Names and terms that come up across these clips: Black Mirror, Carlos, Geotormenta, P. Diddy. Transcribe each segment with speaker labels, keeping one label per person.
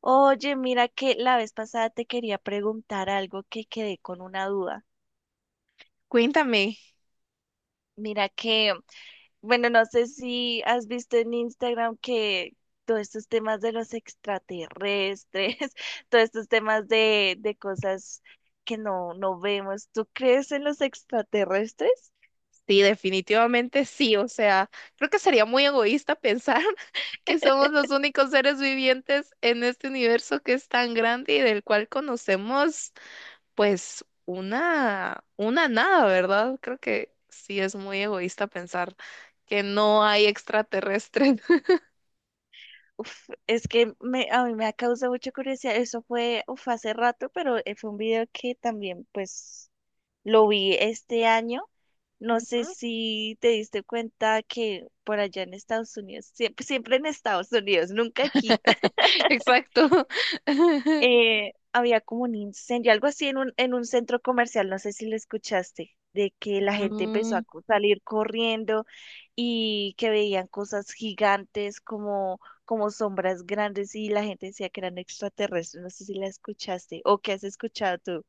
Speaker 1: Oye, mira que la vez pasada te quería preguntar algo que quedé con una duda.
Speaker 2: Cuéntame.
Speaker 1: Mira que, bueno, no sé si has visto en Instagram que todos estos temas de los extraterrestres, todos estos temas de cosas que no vemos. ¿Tú crees en los extraterrestres?
Speaker 2: Sí, definitivamente sí. O sea, creo que sería muy egoísta pensar que somos los únicos seres vivientes en este universo que es tan grande y del cual conocemos, pues, una nada, ¿verdad? Creo que sí es muy egoísta pensar que no hay extraterrestres.
Speaker 1: Uf, es que me, a mí me ha causado mucha curiosidad. Eso fue, uf, hace rato, pero fue un video que también, pues... Lo vi este año. No sé
Speaker 2: Ujú.
Speaker 1: si te diste cuenta que por allá en Estados Unidos, siempre, siempre en Estados Unidos, nunca aquí,
Speaker 2: Exacto.
Speaker 1: había como un incendio, algo así en en un centro comercial, no sé si lo escuchaste, de que la gente empezó a
Speaker 2: Mm.
Speaker 1: salir corriendo y que veían cosas gigantes como, como sombras grandes y la gente decía que eran extraterrestres, no sé si la escuchaste o qué has escuchado tú.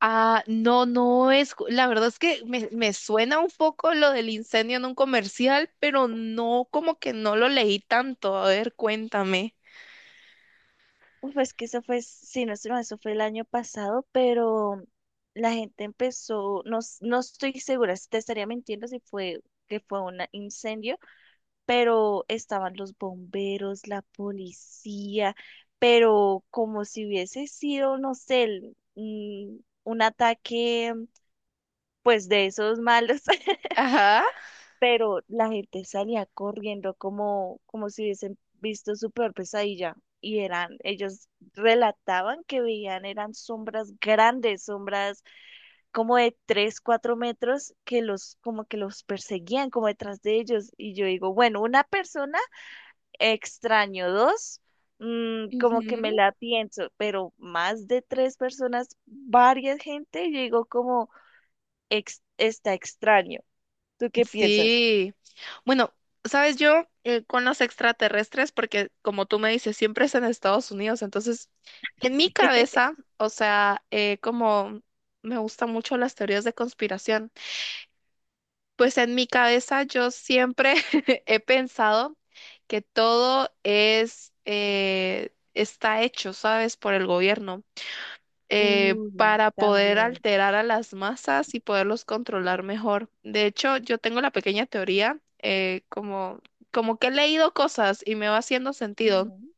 Speaker 2: Ah, no, la verdad es que me suena un poco lo del incendio en un comercial, pero no, como que no lo leí tanto. A ver, cuéntame.
Speaker 1: Uf, es que eso fue, sí, no estoy mal, eso fue el año pasado, pero la gente empezó, no, no estoy segura, te estaría mintiendo si fue que fue un incendio, pero estaban los bomberos, la policía, pero como si hubiese sido, no sé, un ataque, pues de esos malos.
Speaker 2: Ajá.
Speaker 1: Pero la gente salía corriendo como, como si hubiesen visto su peor pesadilla. Y eran, ellos relataban que veían, eran sombras grandes, sombras como de 3 4 metros, que los, como que los perseguían como detrás de ellos. Y yo digo, bueno, una persona extraño, dos, mm, como que me
Speaker 2: Ujú.
Speaker 1: la pienso, pero más de tres personas, varias gente, yo digo como está extraño. ¿Tú qué piensas?
Speaker 2: Sí. Bueno, sabes yo, con los extraterrestres, porque como tú me dices, siempre es en Estados Unidos, entonces en mi
Speaker 1: Sí.
Speaker 2: cabeza, o sea, como me gustan mucho las teorías de conspiración. Pues en mi cabeza yo siempre he pensado que todo es, está hecho, ¿sabes? Por el gobierno,
Speaker 1: Uy,
Speaker 2: para poder
Speaker 1: también.
Speaker 2: alterar a las masas y poderlos controlar mejor. De hecho, yo tengo la pequeña teoría, como, como que he leído cosas y me va haciendo sentido,
Speaker 1: Ujú.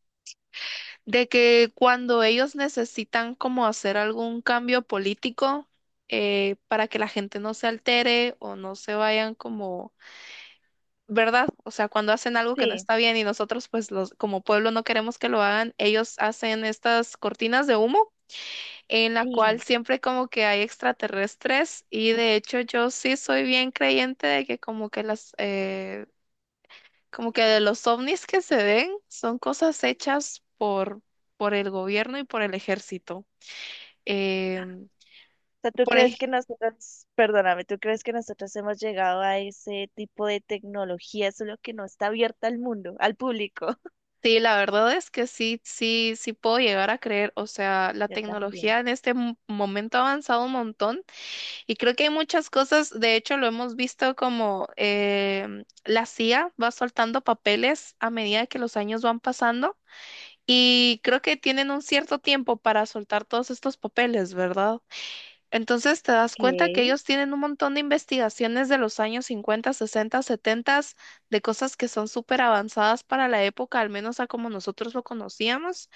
Speaker 2: de que cuando ellos necesitan como hacer algún cambio político, para que la gente no se altere o no se vayan como ¿verdad? O sea, cuando hacen algo que no
Speaker 1: Sí,
Speaker 2: está bien y nosotros, pues, los, como pueblo no queremos que lo hagan, ellos hacen estas cortinas de humo en la cual
Speaker 1: sí,
Speaker 2: siempre como que hay extraterrestres y de hecho yo sí soy bien creyente de que como que las, como que de los ovnis que se ven son cosas hechas por el gobierno y por el ejército. Em,
Speaker 1: o sea, ¿tú
Speaker 2: por
Speaker 1: crees
Speaker 2: ej-
Speaker 1: que nosotros, perdóname, ¿tú crees que nosotros hemos llegado a ese tipo de tecnología, solo que no está abierta al mundo, al público?
Speaker 2: Sí, la verdad es que sí, sí puedo llegar a creer, o sea, la
Speaker 1: Yo también.
Speaker 2: tecnología en este momento ha avanzado un montón. Y creo que hay muchas cosas, de hecho lo hemos visto como la CIA va soltando papeles a medida que los años van pasando y creo que tienen un cierto tiempo para soltar todos estos papeles, ¿verdad? Entonces te das cuenta que
Speaker 1: ¿Qué?
Speaker 2: ellos tienen un montón de investigaciones de los años 50, 60, 70, de cosas que son súper avanzadas para la época, al menos a como nosotros lo conocíamos.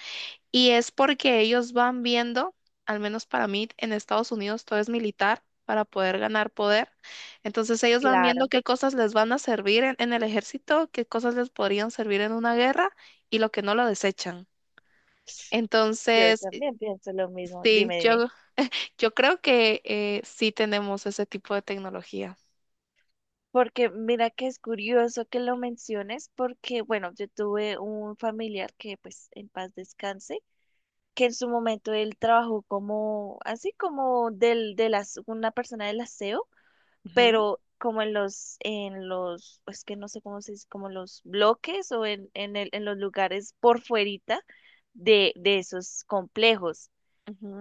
Speaker 2: Y es porque ellos van viendo, al menos para mí, en Estados Unidos todo es militar para poder ganar poder. Entonces ellos van viendo
Speaker 1: Claro,
Speaker 2: qué cosas les van a servir en el ejército, qué cosas les podrían servir en una guerra y lo que no lo desechan.
Speaker 1: yo
Speaker 2: Entonces,
Speaker 1: también pienso lo mismo.
Speaker 2: sí,
Speaker 1: Dime, dime.
Speaker 2: yo creo que sí tenemos ese tipo de tecnología.
Speaker 1: Porque mira que es curioso que lo menciones, porque bueno, yo tuve un familiar que pues en paz descanse, que en su momento él trabajó como, así como del, de las, una persona del aseo
Speaker 2: Ujú,
Speaker 1: pero como en en los, es que no sé cómo se dice, como en los bloques o en el, en los lugares por fuerita de esos complejos.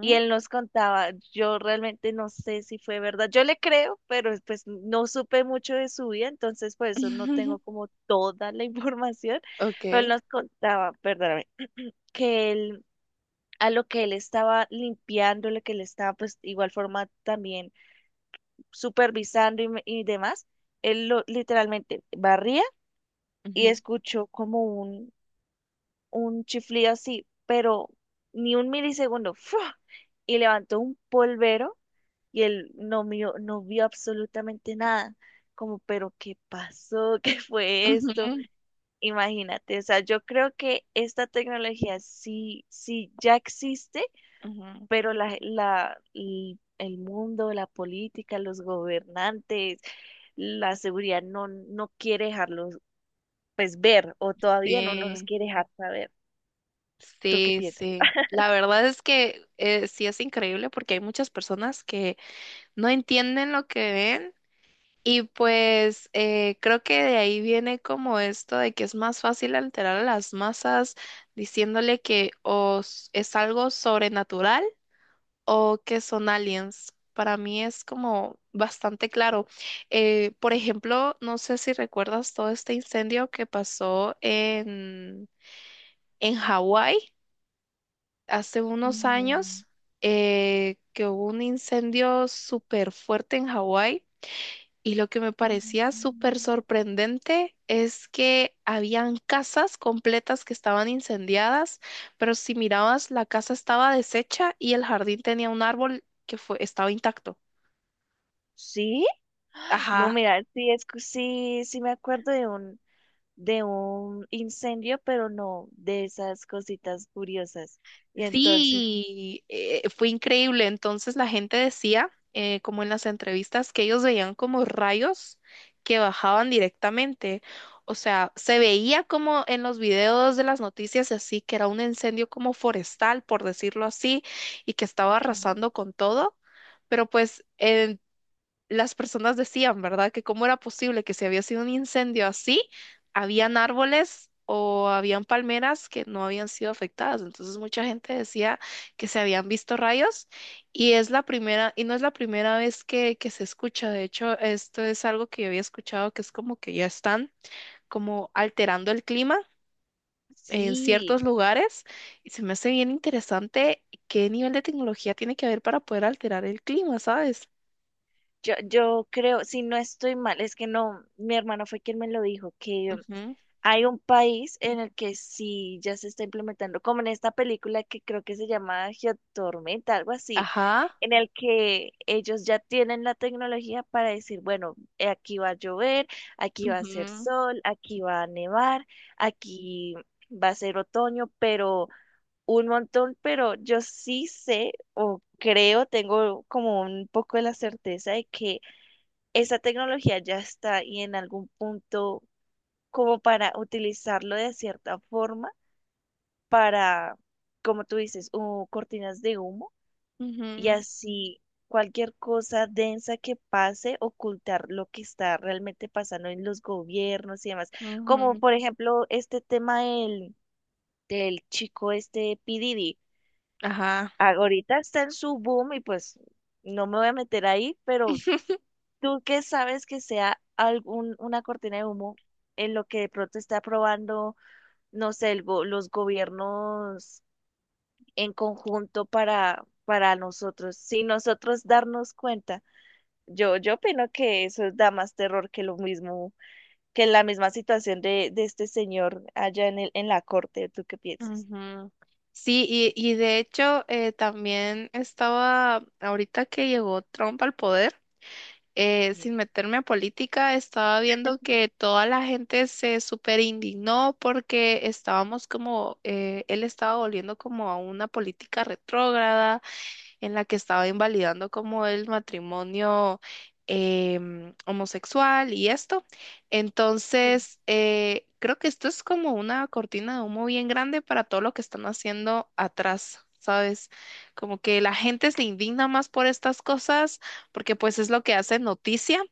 Speaker 1: Y él nos contaba, yo realmente no sé si fue verdad, yo le creo, pero pues no supe mucho de su vida, entonces por eso no tengo como toda la información, pero él
Speaker 2: Ok.
Speaker 1: nos contaba, perdóname, que él, a lo que él estaba limpiando, lo que él estaba pues igual forma también supervisando y demás, él lo, literalmente barría y
Speaker 2: Ujú,
Speaker 1: escuchó como un chiflido así, pero ni un milisegundo, ¡fua! Y levantó un polvero y él no vio, no vio absolutamente nada. Como, pero ¿qué pasó? ¿Qué fue esto?
Speaker 2: ujú,
Speaker 1: Imagínate, o sea, yo creo que esta tecnología sí, sí ya existe
Speaker 2: ujú.
Speaker 1: pero el mundo, la política, los gobernantes, la seguridad no, no quiere dejarlos pues ver o todavía no nos
Speaker 2: Sí.
Speaker 1: quiere dejar saber. ¿Tú qué
Speaker 2: Sí,
Speaker 1: piensas?
Speaker 2: sí. La verdad es que, sí es increíble porque hay muchas personas que no entienden lo que ven y pues, creo que de ahí viene como esto de que es más fácil alterar a las masas diciéndole que es algo sobrenatural o que son aliens. Para mí es como bastante claro. Por ejemplo, no sé si recuerdas todo este incendio que pasó en Hawái hace unos
Speaker 1: Mm,
Speaker 2: años, que hubo un incendio súper fuerte en Hawái y lo que me parecía súper
Speaker 1: mm,
Speaker 2: sorprendente es que habían casas completas que estaban incendiadas, pero si mirabas la casa estaba deshecha y el jardín tenía un árbol que fue, estaba intacto.
Speaker 1: sí, no,
Speaker 2: Ajá.
Speaker 1: mira, sí, es, que sí, sí me acuerdo de un incendio, pero no de esas cositas curiosas. Y entonces,
Speaker 2: Sí, fue increíble. Entonces la gente decía, como en las entrevistas, que ellos veían como rayos que bajaban directamente. O sea, se veía como en los videos de las noticias y así, que era un incendio como forestal, por decirlo así, y que estaba
Speaker 1: ok,
Speaker 2: arrasando con todo. Pero pues las personas decían, ¿verdad? Que cómo era posible que si había sido un incendio así, habían árboles o habían palmeras que no habían sido afectadas. Entonces mucha gente decía que se habían visto rayos y es la primera, y no es la primera vez que se escucha. De hecho, esto es algo que yo había escuchado que es como que ya están como alterando el clima en
Speaker 1: sí.
Speaker 2: ciertos lugares y se me hace bien interesante qué nivel de tecnología tiene que haber para poder alterar el clima, ¿sabes?
Speaker 1: Yo creo, si no estoy mal, es que no, mi hermano fue quien me lo dijo, que
Speaker 2: Ujú.
Speaker 1: hay un país en el que sí ya se está implementando, como en esta película que creo que se llama Geotormenta, algo así,
Speaker 2: Ajá.
Speaker 1: en el que ellos ya tienen la tecnología para decir, bueno, aquí va a llover, aquí va a hacer
Speaker 2: Ujú,
Speaker 1: sol, aquí va a nevar, aquí va a ser otoño, pero un montón, pero yo sí sé o creo, tengo como un poco de la certeza de que esa tecnología ya está y en algún punto como para utilizarlo de cierta forma para, como tú dices, cortinas de humo y
Speaker 2: ujú,
Speaker 1: así cualquier cosa densa que pase, ocultar lo que está realmente pasando en los gobiernos y demás. Como
Speaker 2: ujú.
Speaker 1: por ejemplo este tema del, del chico este P. Diddy.
Speaker 2: Ajá.
Speaker 1: Ahorita está en su boom y pues no me voy a meter ahí, pero ¿tú qué sabes que sea algún, una cortina de humo en lo que de pronto está aprobando, no sé, los gobiernos en conjunto para nosotros, sin nosotros darnos cuenta? Yo opino que eso da más terror que lo mismo, que la misma situación de este señor allá en el, en la corte. ¿Tú qué piensas?
Speaker 2: Ujú. Sí, y de hecho, también estaba, ahorita que llegó Trump al poder,
Speaker 1: Sí,
Speaker 2: sin meterme a política, estaba viendo que toda la gente se súper indignó porque estábamos como, él estaba volviendo como a una política retrógrada en la que estaba invalidando como el matrimonio, homosexual y esto.
Speaker 1: sí,
Speaker 2: Entonces, creo que esto es como una cortina de humo bien grande para todo lo que están haciendo atrás. ¿Sabes? Como que la gente se indigna más por estas cosas porque pues es lo que hace noticia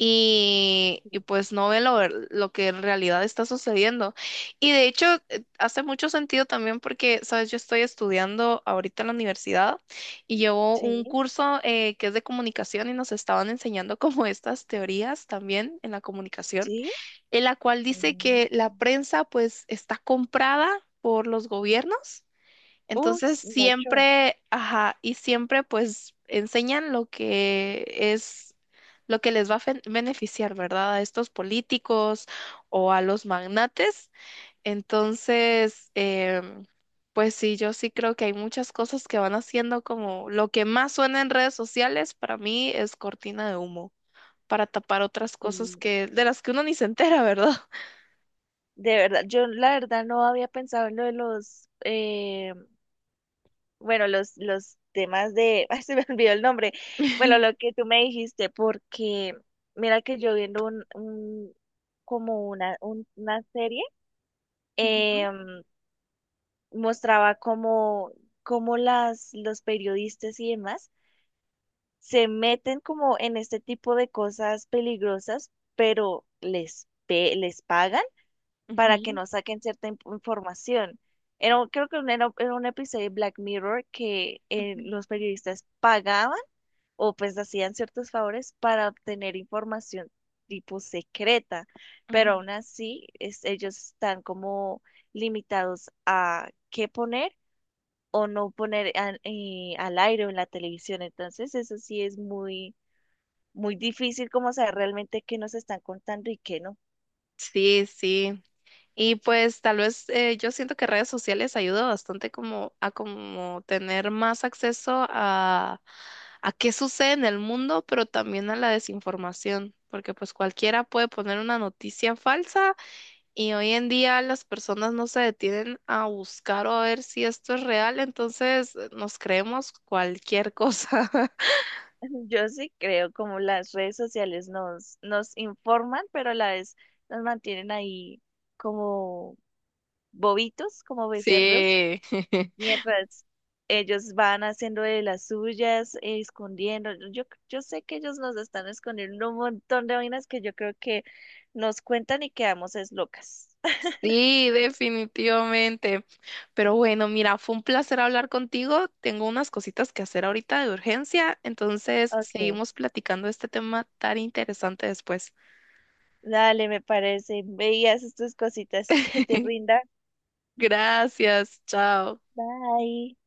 Speaker 2: y pues no ve lo que en realidad está sucediendo. Y de hecho, hace mucho sentido también porque, sabes, yo estoy estudiando ahorita en la universidad y llevo
Speaker 1: sí,
Speaker 2: un curso, que es de comunicación y nos estaban enseñando como estas teorías también en la comunicación,
Speaker 1: sí,
Speaker 2: en la cual dice que la
Speaker 1: mm.
Speaker 2: prensa pues está comprada por los gobiernos,
Speaker 1: Uy,
Speaker 2: entonces
Speaker 1: mucho.
Speaker 2: siempre, ajá, y siempre pues enseñan lo que es, lo que les va a beneficiar, ¿verdad? A estos políticos o a los magnates. Entonces, pues sí, yo sí creo que hay muchas cosas que van haciendo como lo que más suena en redes sociales para mí es cortina de humo, para tapar otras cosas
Speaker 1: Sí,
Speaker 2: que, de las que uno ni se entera, ¿verdad?
Speaker 1: de verdad, yo la verdad no había pensado en lo de los, bueno, los temas de, ay, se me olvidó el nombre, bueno, lo que tú me dijiste, porque mira que yo viendo como una serie,
Speaker 2: Ujú,
Speaker 1: eh, mostraba como, como las, los periodistas y demás se meten como en este tipo de cosas peligrosas, pero les, les pagan para que
Speaker 2: ujú,
Speaker 1: no saquen cierta información. Era, creo que era, era un episodio de Black Mirror que
Speaker 2: ujú,
Speaker 1: los periodistas pagaban o pues hacían ciertos favores para obtener información tipo secreta, pero
Speaker 2: ujú.
Speaker 1: aún así ellos están como limitados a qué poner o no poner al al aire o en la televisión. Entonces eso sí es muy, muy difícil como saber realmente qué nos están contando y qué no.
Speaker 2: Sí, sí. Y pues tal vez, yo siento que redes sociales ayuda bastante como a como tener más acceso a qué sucede en el mundo, pero también a la desinformación, porque pues cualquiera puede poner una noticia falsa y hoy en día las personas no se detienen a buscar o a ver si esto es real, entonces nos creemos cualquier cosa.
Speaker 1: Yo sí creo como las redes sociales nos informan, pero a la vez nos mantienen ahí como bobitos, como becerros,
Speaker 2: Sí.
Speaker 1: mientras ellos van haciendo de las suyas, escondiendo. Yo sé que ellos nos están escondiendo un montón de vainas que yo creo que nos cuentan y quedamos es locas.
Speaker 2: Sí, definitivamente. Pero bueno, mira, fue un placer hablar contigo. Tengo unas cositas que hacer ahorita de urgencia, entonces
Speaker 1: Ok,
Speaker 2: seguimos platicando de este tema tan interesante después.
Speaker 1: dale, me parece. Veías estas cositas que te rindan.
Speaker 2: Gracias, chao.
Speaker 1: Bye.